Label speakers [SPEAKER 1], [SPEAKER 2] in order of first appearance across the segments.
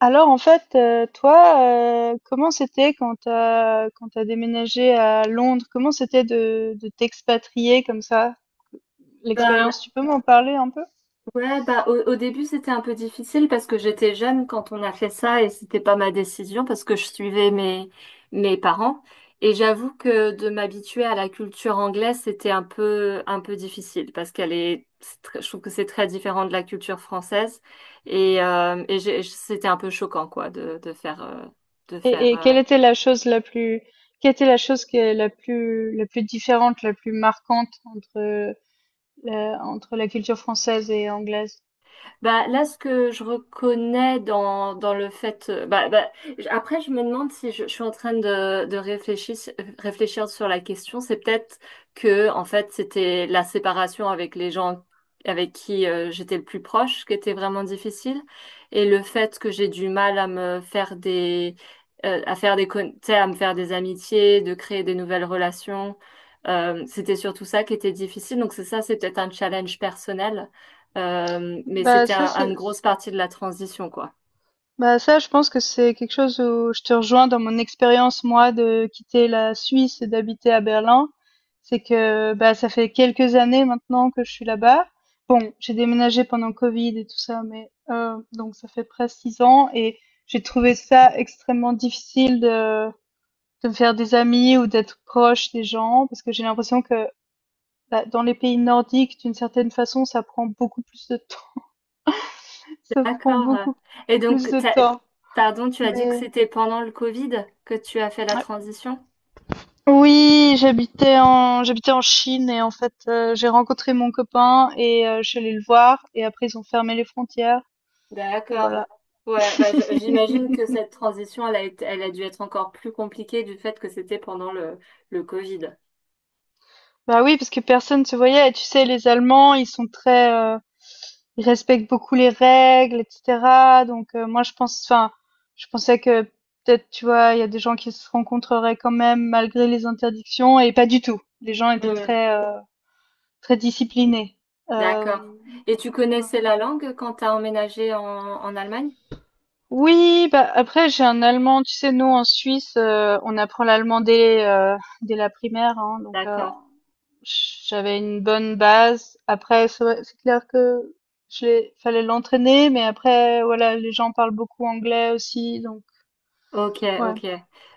[SPEAKER 1] Alors en fait, toi, comment c'était quand tu as quand tu déménagé à Londres? Comment c'était de t'expatrier comme ça?
[SPEAKER 2] Bah,
[SPEAKER 1] L'expérience, tu peux m'en parler un peu?
[SPEAKER 2] ouais, bah, au début, c'était un peu difficile parce que j'étais jeune quand on a fait ça et c'était pas ma décision parce que je suivais mes parents. Et j'avoue que de m'habituer à la culture anglaise, c'était un peu difficile parce c'est très- je trouve que c'est très différent de la culture française. Et c'était un peu choquant, quoi, de
[SPEAKER 1] Et
[SPEAKER 2] faire,
[SPEAKER 1] et quelle était la chose la plus quelle était la chose qui est la plus différente, la plus marquante entre entre la culture française et anglaise?
[SPEAKER 2] bah, là, ce que je reconnais dans le fait. Après, je me demande si je suis en train de réfléchir, réfléchir sur la question. C'est peut-être que, en fait, c'était la séparation avec les gens avec qui j'étais le plus proche qui était vraiment difficile. Et le fait que j'ai du mal à me faire des, à faire tu sais, à me faire des amitiés, de créer des nouvelles relations. C'était surtout ça qui était difficile. Donc, c'est ça, c'est peut-être un challenge personnel. Euh, mais
[SPEAKER 1] Bah
[SPEAKER 2] c'était
[SPEAKER 1] ça
[SPEAKER 2] un- une
[SPEAKER 1] c'est
[SPEAKER 2] grosse partie de la transition, quoi.
[SPEAKER 1] bah ça je pense que c'est quelque chose où je te rejoins dans mon expérience, moi, de quitter la Suisse et d'habiter à Berlin. C'est que bah ça fait quelques années maintenant que je suis là-bas. Bon, j'ai déménagé pendant Covid et tout ça, mais donc ça fait presque 6 ans, et j'ai trouvé ça extrêmement difficile de me faire des amis ou d'être proche des gens, parce que j'ai l'impression que bah, dans les pays nordiques, d'une certaine façon, ça prend beaucoup plus de temps. Ça prend
[SPEAKER 2] D'accord.
[SPEAKER 1] beaucoup
[SPEAKER 2] Et
[SPEAKER 1] plus
[SPEAKER 2] donc,
[SPEAKER 1] de temps,
[SPEAKER 2] pardon, tu as dit que
[SPEAKER 1] mais
[SPEAKER 2] c'était pendant le Covid que tu as fait la
[SPEAKER 1] Ouais.
[SPEAKER 2] transition?
[SPEAKER 1] Oui, j'habitais en Chine, et en fait j'ai rencontré mon copain et je suis allée le voir, et après ils ont fermé les frontières et voilà.
[SPEAKER 2] D'accord. Ouais, bah, j'imagine que cette transition, elle a dû être encore plus compliquée du fait que c'était pendant le Covid.
[SPEAKER 1] Bah oui, parce que personne se voyait, et tu sais, les Allemands, ils sont très ils respectent beaucoup les règles etc. Donc moi je pense, enfin je pensais que peut-être, tu vois, il y a des gens qui se rencontreraient quand même malgré les interdictions, et pas du tout. Les gens étaient
[SPEAKER 2] Hmm,
[SPEAKER 1] très très disciplinés. Euh,
[SPEAKER 2] D'accord. Et tu
[SPEAKER 1] Ouais.
[SPEAKER 2] connaissais la langue quand tu as emménagé en Allemagne?
[SPEAKER 1] Oui, bah après j'ai un allemand, tu sais, nous en Suisse, on apprend l'allemand dès, dès la primaire, hein, donc
[SPEAKER 2] D'accord.
[SPEAKER 1] j'avais une bonne base. Après, c'est clair que fallait l'entraîner, mais après, voilà, les gens parlent beaucoup anglais aussi, donc
[SPEAKER 2] Ok,
[SPEAKER 1] ouais,
[SPEAKER 2] ok.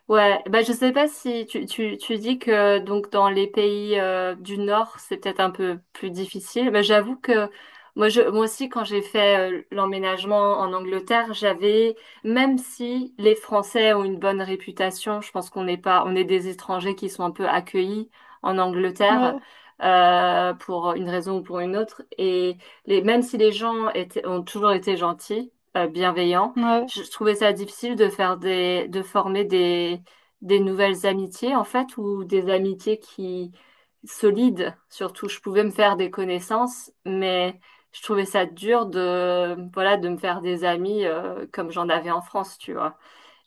[SPEAKER 2] Ouais, bah je sais pas si tu dis que donc dans les pays du Nord, c'est peut-être un peu plus difficile. Mais j'avoue que moi aussi quand j'ai fait l'emménagement en Angleterre, j'avais même si les Français ont une bonne réputation, je pense qu'on n'est pas on est des étrangers qui sont un peu accueillis en Angleterre
[SPEAKER 1] ouais,
[SPEAKER 2] pour une raison ou pour une autre. Et les même si les gens étaient ont toujours été gentils, bienveillants,
[SPEAKER 1] ouais,
[SPEAKER 2] je trouvais ça difficile de faire de former des nouvelles amitiés, en fait, ou des amitiés solides, surtout. Je pouvais me faire des connaissances, mais je trouvais ça dur voilà, de me faire des amis, comme j'en avais en France, tu vois.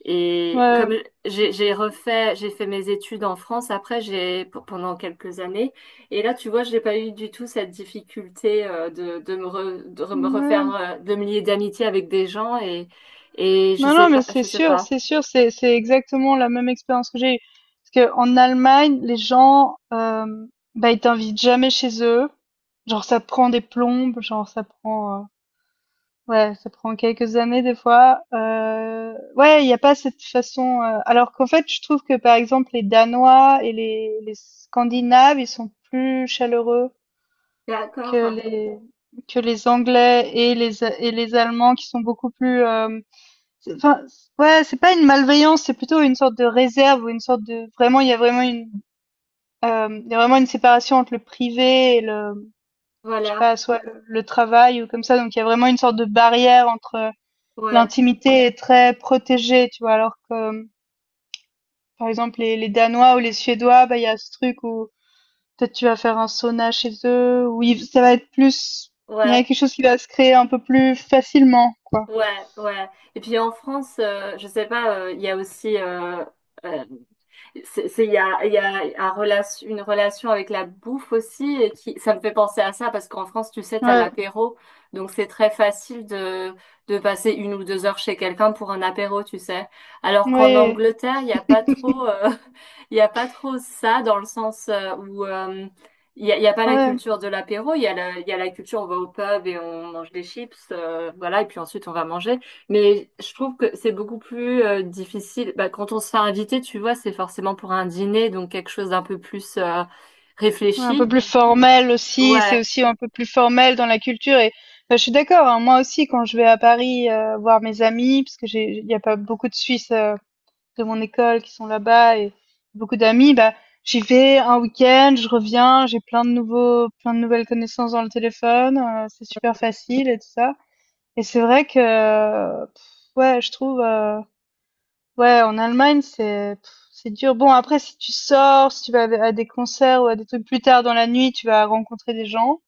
[SPEAKER 2] Et
[SPEAKER 1] ouais,
[SPEAKER 2] comme j'ai fait mes études en France après, pendant quelques années. Et là, tu vois, j'ai pas eu du tout cette difficulté de de me
[SPEAKER 1] ouais.
[SPEAKER 2] refaire, de me lier d'amitié avec des gens. Et je
[SPEAKER 1] Non,
[SPEAKER 2] sais
[SPEAKER 1] non, mais
[SPEAKER 2] pas,
[SPEAKER 1] c'est
[SPEAKER 2] je sais
[SPEAKER 1] sûr,
[SPEAKER 2] pas.
[SPEAKER 1] c'est sûr, c'est exactement la même expérience que j'ai eue. Parce que en Allemagne, les gens, bah, ils t'invitent jamais chez eux. Genre, ça prend des plombes, genre, ça prend, ouais, ça prend quelques années des fois. Ouais, il n'y a pas cette façon. Alors qu'en fait, je trouve que par exemple, les Danois et les Scandinaves, ils sont plus chaleureux que
[SPEAKER 2] D'accord.
[SPEAKER 1] les que les Anglais et les Allemands, qui sont beaucoup plus enfin, ouais, c'est pas une malveillance, c'est plutôt une sorte de réserve, ou une sorte de, vraiment il y a vraiment une il y a vraiment une séparation entre le privé et le, je sais
[SPEAKER 2] Voilà.
[SPEAKER 1] pas, soit le travail ou comme ça. Donc il y a vraiment une sorte de barrière entre,
[SPEAKER 2] Ouais.
[SPEAKER 1] l'intimité est très protégée, tu vois, alors que par exemple les Danois ou les Suédois, bah il y a ce truc où peut-être tu vas faire un sauna chez eux où ça va être plus, il y a
[SPEAKER 2] Ouais.
[SPEAKER 1] quelque chose qui va se créer un peu plus facilement, quoi.
[SPEAKER 2] Ouais. Ouais. Et puis en France, je sais pas, il y a aussi euh, c'est- il y a une relation avec la bouffe aussi, ça me fait penser à ça, parce qu'en France, tu sais, t'as
[SPEAKER 1] Ouais.
[SPEAKER 2] l'apéro, donc c'est très facile de passer 1 ou 2 heures chez quelqu'un pour un apéro, tu sais. Alors qu'en
[SPEAKER 1] Oui.
[SPEAKER 2] Angleterre, il n'y a pas trop, il y a pas trop ça, dans le sens où il il y a pas la
[SPEAKER 1] Ouais.
[SPEAKER 2] culture de l'apéro, il y a il y a la culture, on va au pub et on mange des chips, voilà, et puis ensuite on va manger. Mais je trouve que c'est beaucoup plus difficile. Bah, quand on se fait inviter, tu vois, c'est forcément pour un dîner, donc quelque chose d'un peu plus
[SPEAKER 1] Ouais, un peu
[SPEAKER 2] réfléchi.
[SPEAKER 1] plus formel aussi, c'est
[SPEAKER 2] Ouais,
[SPEAKER 1] aussi un peu plus formel dans la culture, et bah, je suis d'accord, hein, moi aussi quand je vais à Paris voir mes amis, parce que j'ai, il y a pas beaucoup de Suisses de mon école qui sont là-bas, et beaucoup d'amis, bah j'y vais un week-end, je reviens, j'ai plein de nouveaux, plein de nouvelles connaissances dans le téléphone, c'est super facile et tout ça. Et c'est vrai que, pff, ouais, je trouve. Ouais, en Allemagne, c'est pff, c'est dur. Bon, après, si tu sors, si tu vas à des concerts ou à des trucs plus tard dans la nuit, tu vas rencontrer des gens.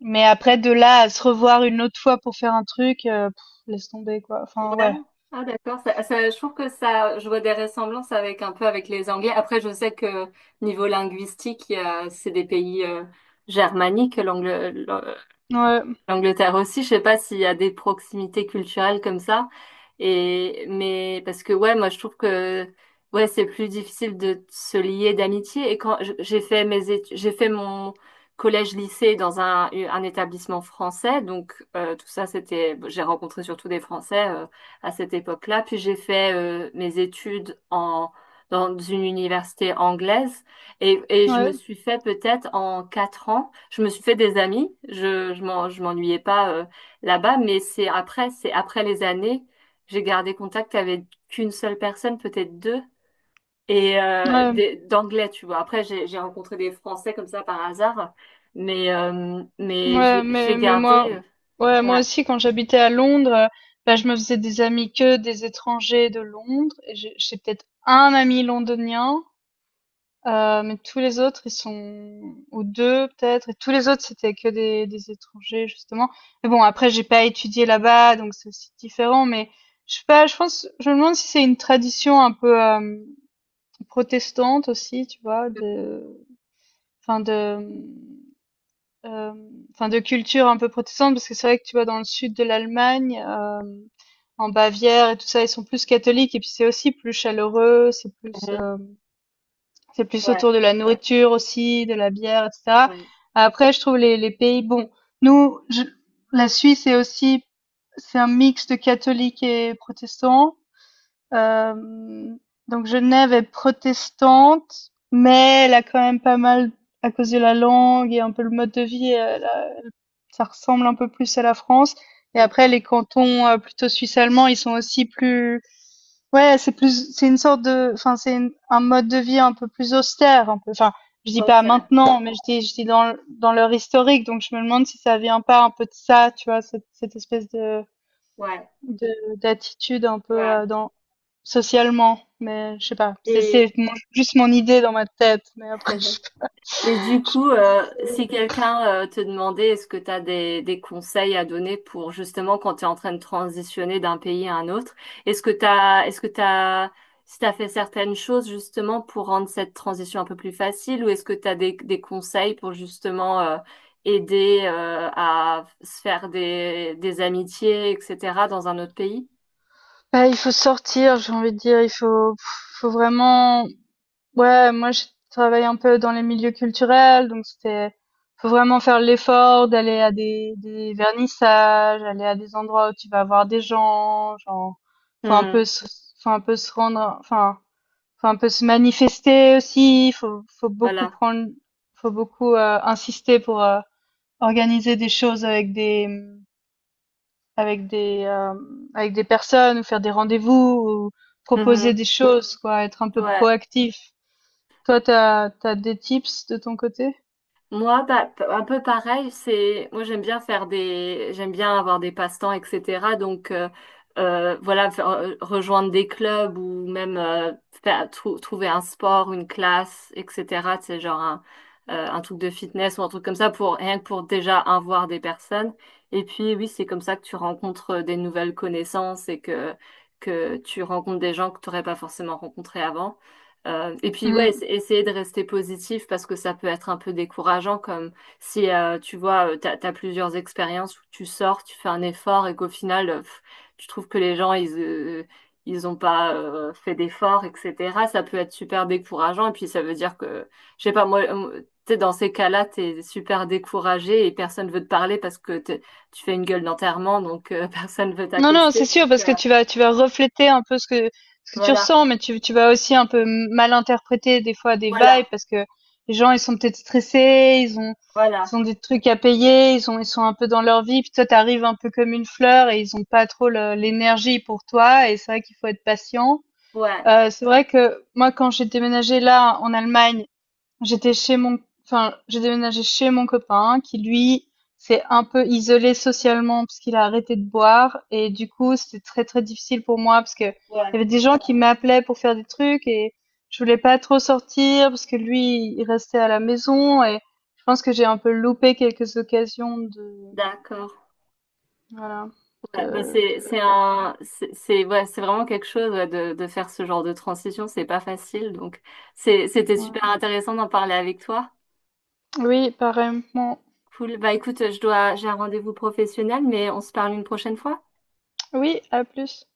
[SPEAKER 1] Mais après, de là à se revoir une autre fois pour faire un truc, pff, laisse tomber, quoi. Enfin,
[SPEAKER 2] ouais.
[SPEAKER 1] ouais,
[SPEAKER 2] Ah d'accord. Ça, je trouve que ça, je vois des ressemblances avec un peu avec les Anglais. Après, je sais que niveau linguistique, c'est des pays germaniques,
[SPEAKER 1] ouais,
[SPEAKER 2] l'Angleterre aussi, je sais pas s'il y a des proximités culturelles comme ça. Mais parce que ouais, moi je trouve que ouais, c'est plus difficile de se lier d'amitié. Et quand j'ai fait mes études, j'ai fait mon collège-lycée dans un établissement français, donc tout ça c'était, bon, j'ai rencontré surtout des Français à cette époque-là. Puis j'ai fait mes études en dans une université anglaise. Et je me
[SPEAKER 1] ouais,
[SPEAKER 2] suis fait peut-être en 4 ans, je me suis fait des amis. Je je m'ennuyais pas là-bas, mais c'est après les années, j'ai gardé contact avec qu'une seule personne, peut-être deux, et
[SPEAKER 1] ouais, ouais.
[SPEAKER 2] d'anglais, tu vois. Après, j'ai rencontré des Français comme ça par hasard, mais
[SPEAKER 1] Mais,
[SPEAKER 2] j'ai
[SPEAKER 1] mais
[SPEAKER 2] gardé.
[SPEAKER 1] moi, ouais, moi
[SPEAKER 2] Ouais.
[SPEAKER 1] aussi, quand j'habitais à Londres, bah, je me faisais des amis que des étrangers de Londres. Et j'ai peut-être un ami londonien. Mais tous les autres, ils sont, ou 2 peut-être, et tous les autres, c'était que des étrangers justement. Mais bon, après j'ai pas étudié là-bas, donc c'est aussi différent, mais je sais pas, je me demande si c'est une tradition un peu, protestante aussi, tu vois? De, enfin de, enfin de culture un peu protestante, parce que c'est vrai que tu vois, dans le sud de l'Allemagne, en Bavière et tout ça, ils sont plus catholiques, et puis c'est aussi plus chaleureux, c'est plus,
[SPEAKER 2] Mhm.
[SPEAKER 1] hem c'est plus
[SPEAKER 2] Ouais,
[SPEAKER 1] autour de la nourriture aussi, de la bière, etc.
[SPEAKER 2] ouais,
[SPEAKER 1] Après, je trouve les pays, bon, nous, la Suisse est aussi, c'est un mix de catholiques et protestants. Euh, donc Genève est protestante, mais elle a quand même pas mal, à cause de la langue et un peu le mode de vie, ça ressemble un peu plus à la France. Et après,
[SPEAKER 2] d'accord.
[SPEAKER 1] les cantons plutôt suisse-allemands, ils sont aussi plus, ouais, c'est plus, c'est une sorte de, enfin, un mode de vie un peu plus austère, un peu. Enfin, je dis pas
[SPEAKER 2] Ok,
[SPEAKER 1] maintenant, mais je dis dans, dans leur historique, donc je me demande si ça vient pas un peu de ça, tu vois, cette espèce de,
[SPEAKER 2] ouais,
[SPEAKER 1] d'attitude un peu
[SPEAKER 2] ouais.
[SPEAKER 1] dans, socialement, mais je sais pas. C'est
[SPEAKER 2] Et
[SPEAKER 1] juste mon idée dans ma tête, mais après, je,
[SPEAKER 2] et du
[SPEAKER 1] je sais
[SPEAKER 2] coup,
[SPEAKER 1] pas si
[SPEAKER 2] si quelqu'un te demandait est-ce que tu as des conseils à donner pour justement quand tu es en train de transitionner d'un pays à un autre, est-ce que tu as, si tu as fait certaines choses justement pour rendre cette transition un peu plus facile, ou est-ce que tu as des conseils pour justement aider à se faire des amitiés, etc., dans un autre pays?
[SPEAKER 1] Bah, il faut sortir, j'ai envie de dire, faut vraiment, ouais, moi je travaille un peu dans les milieux culturels, donc c'était, faut vraiment faire l'effort d'aller à des vernissages, aller à des endroits où tu vas voir des gens, genre faut un
[SPEAKER 2] Hmm,
[SPEAKER 1] peu se, faut un peu se rendre, enfin faut un peu se manifester aussi, faut beaucoup
[SPEAKER 2] voilà.
[SPEAKER 1] prendre, faut beaucoup insister pour organiser des choses avec des, avec des euh, avec des personnes, ou faire des rendez-vous, ou proposer
[SPEAKER 2] Mhm.
[SPEAKER 1] des choses, quoi, être un peu
[SPEAKER 2] Ouais.
[SPEAKER 1] proactif. Toi, t'as, t'as des tips de ton côté?
[SPEAKER 2] Moi, bah, un peu pareil, c'est moi j'aime bien faire des j'aime bien avoir des passe-temps, etc. Donc voilà, rejoindre des clubs ou même euh, trouver un sport, une classe, etc. C'est un truc de fitness ou un truc comme ça pour rien que pour déjà un voir des personnes. Et puis oui, c'est comme ça que tu rencontres des nouvelles connaissances et que tu rencontres des gens que tu n'aurais pas forcément rencontrés avant. Et puis ouais,
[SPEAKER 1] Mm.
[SPEAKER 2] essayer de rester positif parce que ça peut être un peu décourageant comme si tu vois, t'as, t'as plusieurs expériences où tu sors, tu fais un effort et qu'au final, pff, tu trouves que les gens, ils ont pas fait d'efforts, etc. Ça peut être super décourageant et puis ça veut dire que, je sais pas, moi, t'es dans ces cas-là, t'es super découragé et personne veut te parler parce que tu fais une gueule d'enterrement, donc personne veut
[SPEAKER 1] Non, non, c'est
[SPEAKER 2] t'accoster.
[SPEAKER 1] sûr,
[SPEAKER 2] Donc
[SPEAKER 1] parce que tu vas refléter un peu ce que tu
[SPEAKER 2] voilà,
[SPEAKER 1] ressens, mais tu vas aussi un peu mal interpréter des fois des vibes,
[SPEAKER 2] voilà,
[SPEAKER 1] parce que les gens, ils sont peut-être stressés,
[SPEAKER 2] voilà,
[SPEAKER 1] ils ont des trucs à payer, ils ont, ils sont un peu dans leur vie, puis toi, t'arrives un peu comme une fleur et ils ont pas trop l'énergie pour toi, et c'est vrai qu'il faut être patient.
[SPEAKER 2] ouais,
[SPEAKER 1] C'est vrai que moi, quand j'ai déménagé là en Allemagne, J'étais chez mon, enfin, j'ai déménagé chez mon copain qui lui s'est un peu isolé socialement parce qu'il a arrêté de boire, et du coup c'était très très difficile pour moi, parce que il
[SPEAKER 2] ouais,
[SPEAKER 1] y avait des gens qui m'appelaient pour faire des trucs, et je voulais pas trop sortir parce que lui il restait à la maison, et je pense que j'ai un peu loupé quelques occasions de
[SPEAKER 2] d'accord.
[SPEAKER 1] voilà
[SPEAKER 2] Ouais, bah c'est
[SPEAKER 1] de faire ça.
[SPEAKER 2] un c'est- ouais, c'est vraiment quelque chose ouais, de faire ce genre de transition, c'est pas facile. Donc c'était super
[SPEAKER 1] Ouais.
[SPEAKER 2] intéressant d'en parler avec toi.
[SPEAKER 1] Oui, pareillement.
[SPEAKER 2] Cool. Bah écoute, je dois j'ai un rendez-vous professionnel, mais on se parle une prochaine fois.
[SPEAKER 1] Oui, à plus.